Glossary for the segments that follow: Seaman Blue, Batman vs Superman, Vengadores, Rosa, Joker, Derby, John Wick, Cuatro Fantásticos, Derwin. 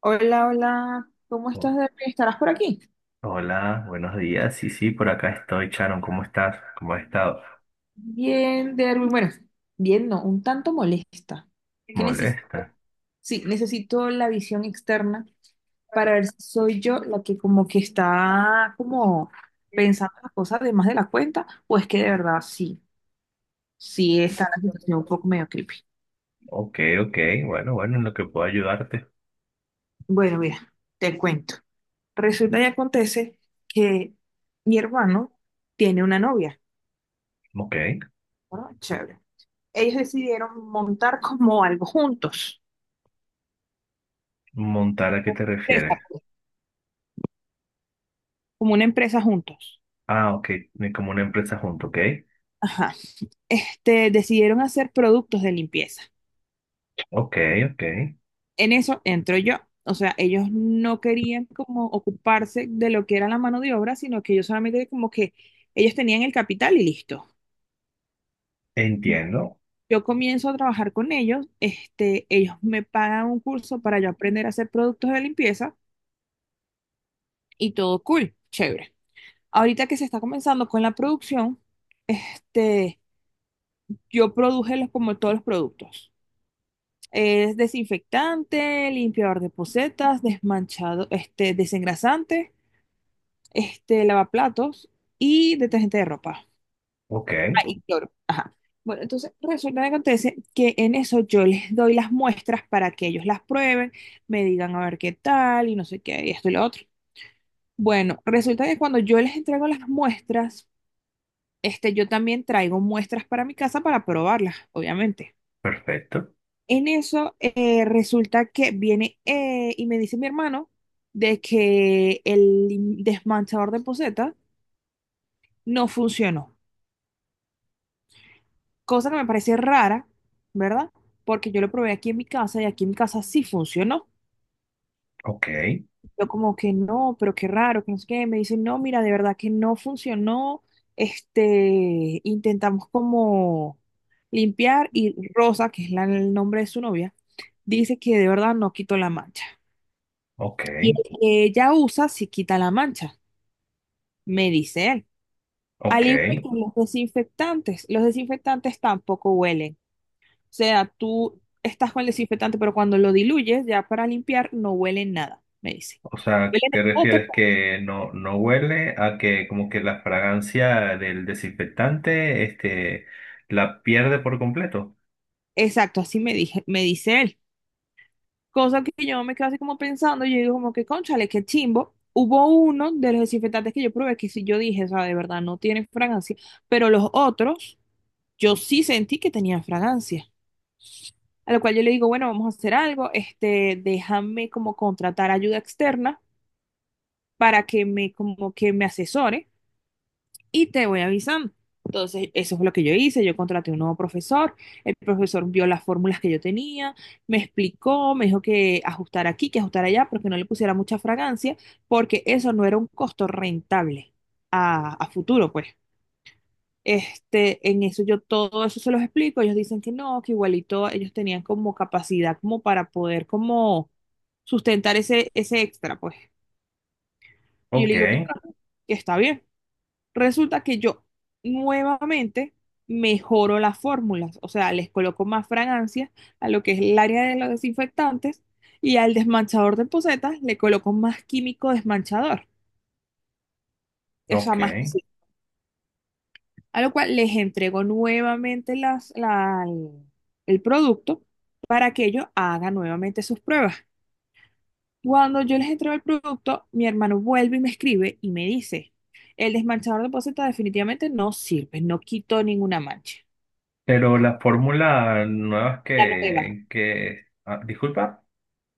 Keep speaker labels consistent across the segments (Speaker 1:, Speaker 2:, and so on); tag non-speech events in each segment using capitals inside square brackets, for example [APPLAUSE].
Speaker 1: Hola, hola, ¿cómo
Speaker 2: Oh,
Speaker 1: estás, Derby? ¿Estarás por aquí?
Speaker 2: hola, buenos días. Sí, sí, por acá estoy, Sharon. ¿Cómo estás? ¿Cómo has estado?
Speaker 1: Bien, Derby. Bueno, bien, no, un tanto molesta. ¿Qué necesito?
Speaker 2: ¿Molesta?
Speaker 1: Sí, necesito la visión externa para ver si soy yo la que como que está como pensando las cosas de más de la cuenta o es que de verdad sí, sí está la situación un poco medio creepy.
Speaker 2: Ok, ok. Bueno, bueno, en lo que puedo ayudarte.
Speaker 1: Bueno, mira, te cuento. Resulta y acontece que mi hermano tiene una novia,
Speaker 2: Ok.
Speaker 1: ¿no? Chévere. Ellos decidieron montar como algo juntos.
Speaker 2: ¿Montar a qué te
Speaker 1: Empresa,
Speaker 2: refieres?
Speaker 1: como una empresa juntos.
Speaker 2: Ah, ok. Ni como una empresa junto, ok.
Speaker 1: Ajá. Decidieron hacer productos de limpieza.
Speaker 2: Ok, ok.
Speaker 1: En eso entro yo. O sea, ellos no querían como ocuparse de lo que era la mano de obra, sino que ellos solamente como que ellos tenían el capital y listo.
Speaker 2: Entiendo.
Speaker 1: Yo comienzo a trabajar con ellos, ellos me pagan un curso para yo aprender a hacer productos de limpieza y todo cool, chévere. Ahorita que se está comenzando con la producción, este, yo produje como todos los productos. Es desinfectante, limpiador de posetas, desmanchado, desengrasante, lavaplatos y detergente de ropa.
Speaker 2: Ok.
Speaker 1: Ah, y cloro. Ajá. Bueno, entonces resulta que acontece que en eso yo les doy las muestras para que ellos las prueben, me digan a ver qué tal y no sé qué, y esto y lo otro. Bueno, resulta que cuando yo les entrego las muestras, yo también traigo muestras para mi casa para probarlas, obviamente.
Speaker 2: Perfecto.
Speaker 1: En eso resulta que viene y me dice mi hermano de que el desmanchador de poseta no funcionó, cosa que me parece rara, ¿verdad? Porque yo lo probé aquí en mi casa y aquí en mi casa sí funcionó.
Speaker 2: Ok,
Speaker 1: Yo como que no, pero qué raro, que no sé qué. Me dicen, no, mira, de verdad que no funcionó. Intentamos como limpiar y Rosa, que es el nombre de su novia, dice que de verdad no quitó la mancha.
Speaker 2: ok,
Speaker 1: Y el que ella usa si quita la mancha, me dice él.
Speaker 2: ok.
Speaker 1: Al igual que los desinfectantes tampoco huelen. O sea, tú estás con el desinfectante, pero cuando lo diluyes ya para limpiar no huele nada, me dice.
Speaker 2: O sea,
Speaker 1: Huelen
Speaker 2: ¿te
Speaker 1: el bote.
Speaker 2: refieres
Speaker 1: pues.
Speaker 2: que no huele a que como que la fragancia del desinfectante, la pierde por completo?
Speaker 1: Exacto, así me dije, me dice él. Cosa que yo me quedo así como pensando, yo digo como que, cónchale, qué chimbo. Hubo uno de los desinfectantes que yo probé que sí yo dije, o sea, de verdad no tienen fragancia, pero los otros yo sí sentí que tenían fragancia. A lo cual yo le digo, bueno, vamos a hacer algo, déjame como contratar ayuda externa para que me, como que me asesore y te voy avisando. Entonces, eso fue lo que yo hice, yo contraté un nuevo profesor, el profesor vio las fórmulas que yo tenía, me explicó, me dijo que ajustar aquí, que ajustar allá, pero que no le pusiera mucha fragancia, porque eso no era un costo rentable a futuro, pues. En eso yo todo eso se los explico, ellos dicen que no, que igualito ellos tenían como capacidad como para poder como sustentar ese extra, pues. Y yo
Speaker 2: Ok,
Speaker 1: le digo que, no, que está bien. Resulta que yo nuevamente mejoro las fórmulas, o sea, les coloco más fragancias a lo que es el área de los desinfectantes y al desmanchador de posetas le coloco más químico desmanchador, o sea,
Speaker 2: ok.
Speaker 1: más a lo cual les entregó nuevamente el producto para que ellos hagan nuevamente sus pruebas. Cuando yo les entrego el producto, mi hermano vuelve y me escribe y me dice, el desmanchador de poceta definitivamente no sirve, no quitó ninguna mancha.
Speaker 2: Pero la fórmula nuevas
Speaker 1: La nueva,
Speaker 2: que, disculpa.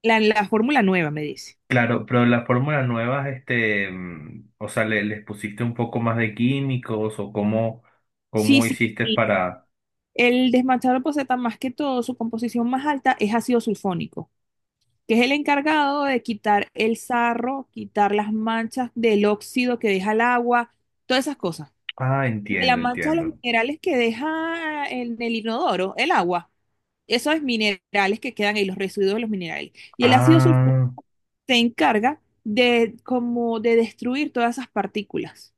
Speaker 1: la fórmula nueva, me dice.
Speaker 2: Claro, pero las fórmulas nuevas, o sea, les pusiste un poco más de químicos o
Speaker 1: Sí,
Speaker 2: cómo
Speaker 1: sí,
Speaker 2: hiciste
Speaker 1: sí.
Speaker 2: para.
Speaker 1: El desmanchador de poceta, más que todo, su composición más alta es ácido sulfónico, que es el encargado de quitar el sarro, quitar las manchas del óxido que deja el agua, todas esas cosas.
Speaker 2: Ah,
Speaker 1: Porque la
Speaker 2: entiendo,
Speaker 1: mancha de los
Speaker 2: entiendo.
Speaker 1: minerales que deja en el inodoro, el agua, esos minerales que quedan ahí, los residuos de los minerales. Y el ácido sulfúrico
Speaker 2: Ah,
Speaker 1: se encarga de como de destruir todas esas partículas.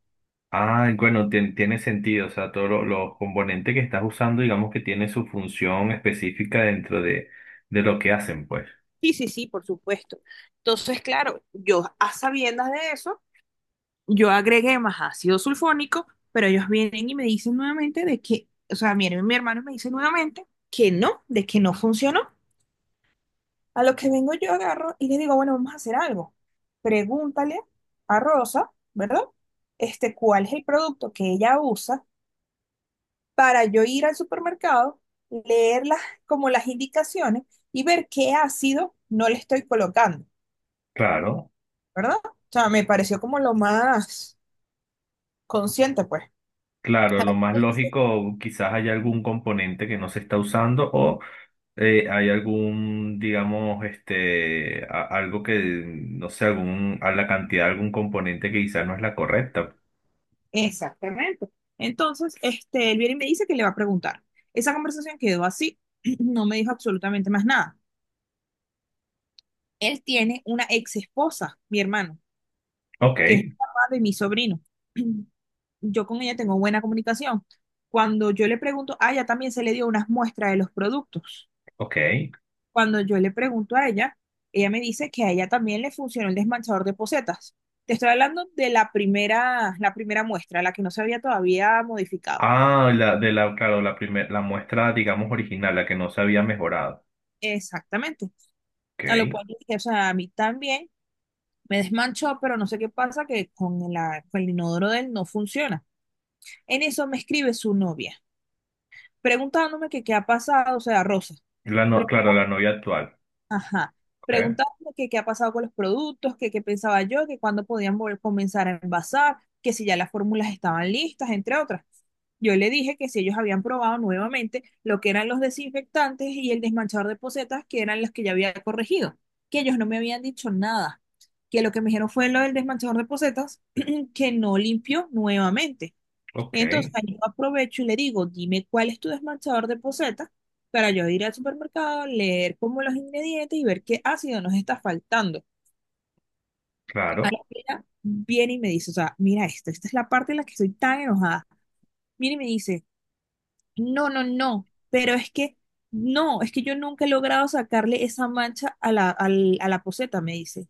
Speaker 2: ah, bueno, tiene sentido. O sea, todos los componentes que estás usando, digamos que tienen su función específica dentro de lo que hacen, pues.
Speaker 1: Sí, sí, sí, por supuesto. Entonces, claro, yo a sabiendas de eso, yo agregué más ácido sulfónico, pero ellos vienen y me dicen nuevamente de que, o sea, miren, mi hermano me dice nuevamente que no, de que no funcionó. A lo que vengo yo agarro y le digo, bueno, vamos a hacer algo. Pregúntale a Rosa, ¿verdad? ¿Cuál es el producto que ella usa para yo ir al supermercado, leer como las indicaciones y ver qué ácido no le estoy colocando,
Speaker 2: Claro.
Speaker 1: ¿verdad? O sea, me pareció como lo más consciente, pues.
Speaker 2: Claro, lo más lógico, quizás haya algún componente que no se está usando o hay algún, digamos, este, algo que, no sé, algún, a la cantidad de algún componente que quizás no es la correcta.
Speaker 1: Exactamente. Entonces, él viene y me dice que le va a preguntar. Esa conversación quedó así, [CLEARS THROAT] no me dijo absolutamente más nada. Él tiene una ex esposa, mi hermano,
Speaker 2: Ok,
Speaker 1: que es el papá de mi sobrino. [CLEARS THROAT] Yo con ella tengo buena comunicación. Cuando yo le pregunto, a ella también se le dio unas muestras de los productos.
Speaker 2: ok.
Speaker 1: Cuando yo le pregunto a ella, ella me dice que a ella también le funcionó el desmanchador de pocetas. Te estoy hablando de la primera muestra, la que no se había todavía modificado.
Speaker 2: Claro, la muestra, digamos, original, la que no se había mejorado.
Speaker 1: Exactamente. A lo
Speaker 2: Ok.
Speaker 1: cual dije, o sea, a mí también me desmanchó, pero no sé qué pasa, que con el inodoro de él no funciona. En eso me escribe su novia, preguntándome que qué ha pasado, o sea, Rosa,
Speaker 2: La no- Claro, la novia actual.
Speaker 1: Ajá.
Speaker 2: Ok,
Speaker 1: Preguntándome que qué ha pasado con los productos, que qué pensaba yo, que cuándo podían volver, comenzar a envasar, que si ya las fórmulas estaban listas, entre otras. Yo le dije que si ellos habían probado nuevamente lo que eran los desinfectantes y el desmanchador de pocetas, que eran los que ya había corregido, que ellos no me habían dicho nada, que lo que me dijeron fue lo del desmanchador de pocetas, [CLEARS THROAT] que no limpió nuevamente.
Speaker 2: ok,
Speaker 1: Entonces, ahí yo aprovecho y le digo, dime cuál es tu desmanchador de poceta para yo ir al supermercado, leer como los ingredientes y ver qué ácido nos está faltando. Ahí
Speaker 2: claro.
Speaker 1: ella viene y me dice, o sea, mira esto, esta es la parte en la que estoy tan enojada. Viene y me dice, no, no, no, pero es que, no, es que yo nunca he logrado sacarle esa mancha a la poceta, me dice.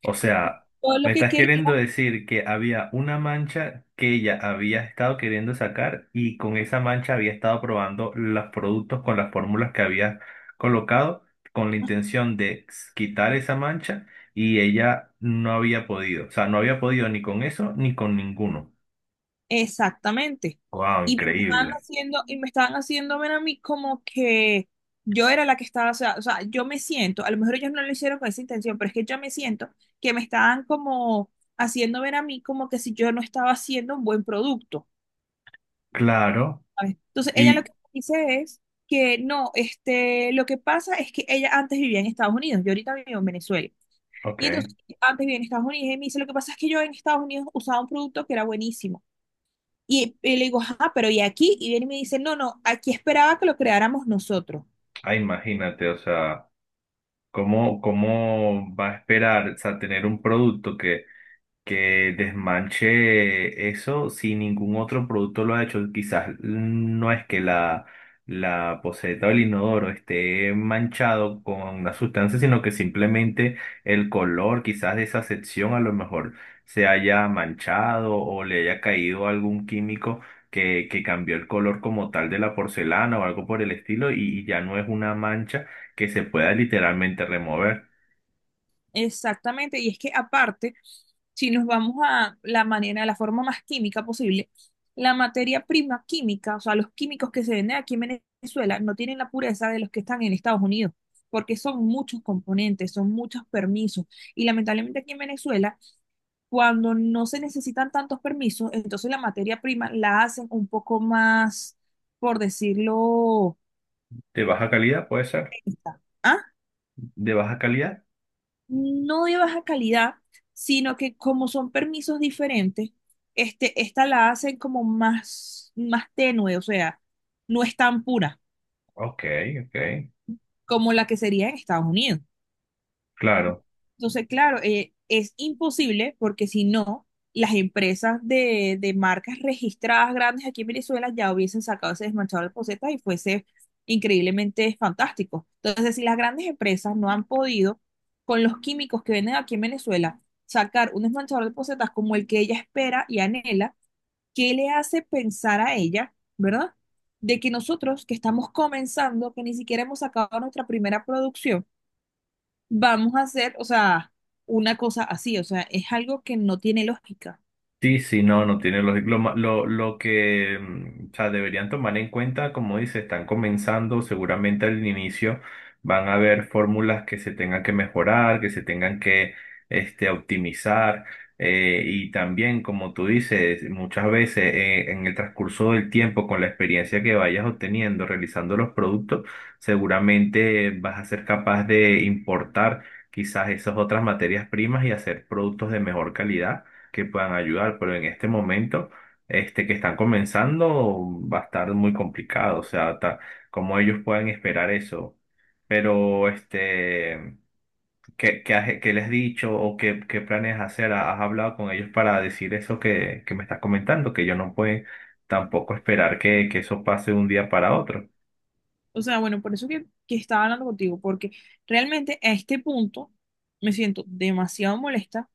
Speaker 2: O sea,
Speaker 1: Todo lo
Speaker 2: me
Speaker 1: que
Speaker 2: estás
Speaker 1: quería.
Speaker 2: queriendo decir que había una mancha que ella había estado queriendo sacar y con esa mancha había estado probando los productos con las fórmulas que había colocado con la intención de quitar esa mancha y ella no había podido. O sea, no había podido ni con eso ni con ninguno.
Speaker 1: Exactamente.
Speaker 2: ¡Wow!
Speaker 1: Y me estaban
Speaker 2: Increíble.
Speaker 1: haciendo, y me estaban haciendo ver a mí como que yo era la que estaba, o sea, yo me siento, a lo mejor ellos no lo hicieron con esa intención, pero es que yo me siento que me estaban como haciendo ver a mí como que si yo no estaba haciendo un buen producto.
Speaker 2: Claro.
Speaker 1: ¿Sabes? Entonces, ella lo que
Speaker 2: Y,
Speaker 1: dice es que no, lo que pasa es que ella antes vivía en Estados Unidos, yo ahorita vivo en Venezuela.
Speaker 2: ok,
Speaker 1: Y entonces, antes vivía en Estados Unidos y me dice, lo que pasa es que yo en Estados Unidos usaba un producto que era buenísimo y le digo, ajá, pero ¿y aquí? Y viene y me dice, no, no, aquí esperaba que lo creáramos nosotros.
Speaker 2: ah, imagínate, o sea, cómo va a esperar, o sea, tener un producto que desmanche eso si ningún otro producto lo ha hecho? Quizás no es que la poceta o el inodoro esté manchado con una sustancia, sino que simplemente el color quizás de esa sección a lo mejor se haya manchado o le haya caído algún químico. Que cambió el color como tal de la porcelana o algo por el estilo y ya no es una mancha que se pueda literalmente remover.
Speaker 1: Exactamente, y es que aparte, si nos vamos a la manera, a la forma más química posible, la materia prima química, o sea, los químicos que se venden aquí en Venezuela no tienen la pureza de los que están en Estados Unidos, porque son muchos componentes, son muchos permisos. Y lamentablemente aquí en Venezuela, cuando no se necesitan tantos permisos, entonces la materia prima la hacen un poco más, por decirlo,
Speaker 2: De baja calidad puede ser.
Speaker 1: está, ¿ah?
Speaker 2: De baja calidad.
Speaker 1: No de baja calidad, sino que como son permisos diferentes, esta la hacen como más, más tenue, o sea, no es tan pura
Speaker 2: Ok, ok,
Speaker 1: como la que sería en Estados Unidos.
Speaker 2: claro.
Speaker 1: Entonces, claro, es imposible porque si no, las empresas de marcas registradas grandes aquí en Venezuela ya hubiesen sacado ese desmanchado de posetas y fuese increíblemente fantástico. Entonces, si las grandes empresas no han podido, con los químicos que venden aquí en Venezuela, sacar un desmanchador de posetas como el que ella espera y anhela, ¿qué le hace pensar a ella, verdad? De que nosotros que estamos comenzando, que ni siquiera hemos sacado nuestra primera producción, vamos a hacer, o sea, una cosa así, o sea, es algo que no tiene lógica.
Speaker 2: Sí, sí, no, no tiene lógica. Lo que, o sea, deberían tomar en cuenta, como dice, están comenzando, seguramente al inicio van a haber fórmulas que se tengan que mejorar, que se tengan que, este, optimizar. Y también, como tú dices, muchas veces en el transcurso del tiempo, con la experiencia que vayas obteniendo realizando los productos, seguramente vas a ser capaz de importar quizás esas otras materias primas y hacer productos de mejor calidad que puedan ayudar, pero en este momento, este que están comenzando, va a estar muy complicado, o sea, cómo ellos puedan esperar eso. Pero, este, ¿qué les has dicho o qué planes hacer? ¿Has hablado con ellos para decir eso que me estás comentando? Que ellos no pueden tampoco esperar que eso pase de un día para otro.
Speaker 1: O sea, bueno, por eso que estaba hablando contigo, porque realmente a este punto me siento demasiado molesta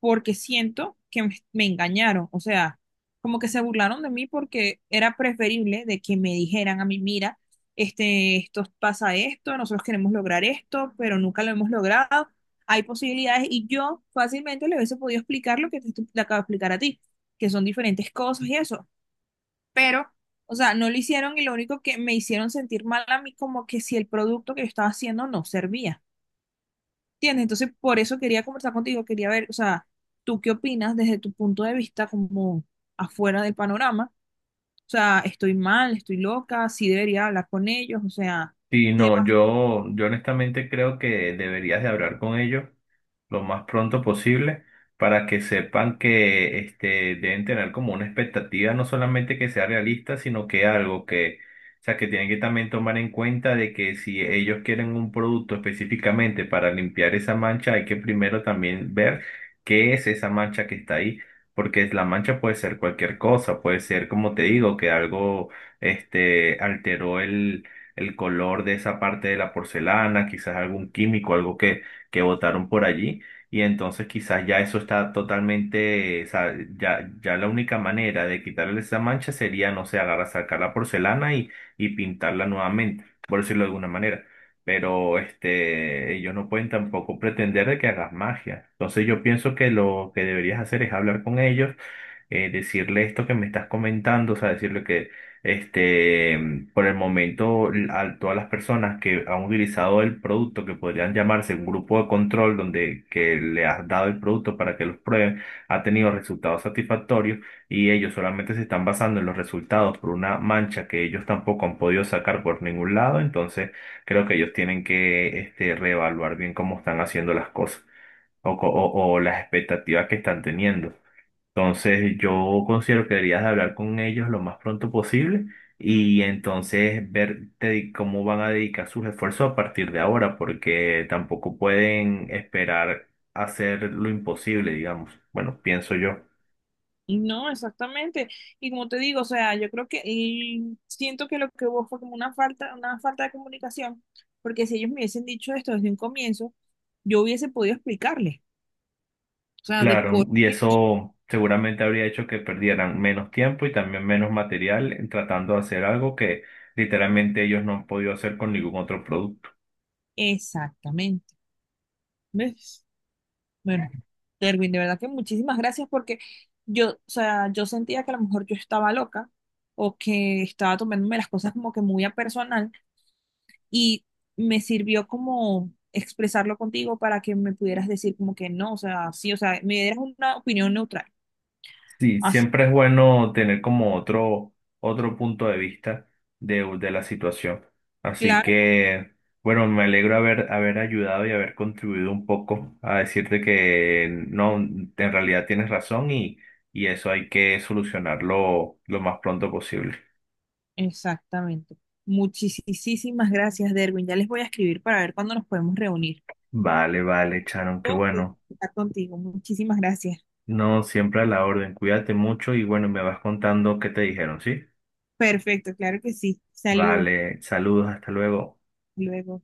Speaker 1: porque siento que me engañaron. O sea, como que se burlaron de mí porque era preferible de que me dijeran a mí, mira, esto pasa esto, nosotros queremos lograr esto, pero nunca lo hemos logrado. Hay posibilidades y yo fácilmente le hubiese podido explicar lo que te acabo de explicar a ti, que son diferentes cosas y eso pero, o sea, no lo hicieron y lo único que me hicieron sentir mal a mí como que si el producto que yo estaba haciendo no servía, ¿entiendes? Entonces, por eso quería conversar contigo, quería ver, o sea, ¿tú qué opinas desde tu punto de vista como afuera del panorama? O sea, estoy mal, estoy loca, sí debería hablar con ellos, o sea,
Speaker 2: Sí,
Speaker 1: ¿qué va?
Speaker 2: no, yo honestamente creo que deberías de hablar con ellos lo más pronto posible para que sepan que este, deben tener como una expectativa, no solamente que sea realista, sino que algo que, o sea, que tienen que también tomar en cuenta de que si ellos quieren un producto específicamente para limpiar esa mancha, hay que primero también ver qué es esa mancha que está ahí, porque la mancha puede ser cualquier cosa, puede ser, como te digo, que algo este, alteró el color de esa parte de la porcelana, quizás algún químico, algo que botaron por allí. Y entonces quizás ya eso está totalmente, o sea, ya la única manera de quitarle esa mancha sería, no sé, agarrar, sacar la porcelana y pintarla nuevamente, por decirlo de alguna manera. Pero este, ellos no pueden tampoco pretender de que hagas magia. Entonces yo pienso que lo que deberías hacer es hablar con ellos decirle esto que me estás comentando, o sea, decirle que este, mm, por el momento, a todas las personas que han utilizado el producto, que podrían llamarse un grupo de control, donde que le has dado el producto para que los prueben, ha tenido resultados satisfactorios y ellos solamente se están basando en los resultados por una mancha que ellos tampoco han podido sacar por ningún lado. Entonces, creo que ellos tienen que, este, reevaluar bien cómo están haciendo las cosas o, o las expectativas que están teniendo. Entonces yo considero que deberías de hablar con ellos lo más pronto posible y entonces ver cómo van a dedicar sus esfuerzos a partir de ahora, porque tampoco pueden esperar hacer lo imposible, digamos. Bueno, pienso yo.
Speaker 1: No, exactamente. Y como te digo, o sea, yo creo que y siento que lo que hubo fue como una falta de comunicación, porque si ellos me hubiesen dicho esto desde un comienzo, yo hubiese podido explicarles. O sea, de
Speaker 2: Claro,
Speaker 1: por
Speaker 2: y
Speaker 1: qué
Speaker 2: eso seguramente habría hecho que perdieran menos tiempo y también menos material en tratando de hacer algo que literalmente ellos no han podido hacer con ningún otro producto.
Speaker 1: exactamente. ¿Ves? Bueno, Derwin, de verdad que muchísimas gracias porque yo, o sea, yo sentía que a lo mejor yo estaba loca o que estaba tomándome las cosas como que muy a personal y me sirvió como expresarlo contigo para que me pudieras decir como que no, o sea, sí, o sea, me dieras una opinión neutral.
Speaker 2: Sí,
Speaker 1: Así,
Speaker 2: siempre es bueno tener como otro, otro punto de vista de la situación. Así
Speaker 1: claro,
Speaker 2: que, bueno, me alegro haber ayudado y haber contribuido un poco a decirte que no, en realidad tienes razón y eso hay que solucionarlo lo más pronto posible.
Speaker 1: exactamente. Muchísimas gracias, Derwin. Ya les voy a escribir para ver cuándo nos podemos reunir.
Speaker 2: Vale, vale, Charon, qué
Speaker 1: Todo por
Speaker 2: bueno.
Speaker 1: estar contigo. Muchísimas gracias.
Speaker 2: No, siempre a la orden. Cuídate mucho y bueno, me vas contando qué te dijeron, ¿sí?
Speaker 1: Perfecto, claro que sí. Saludos.
Speaker 2: Vale, saludos, hasta luego.
Speaker 1: Luego.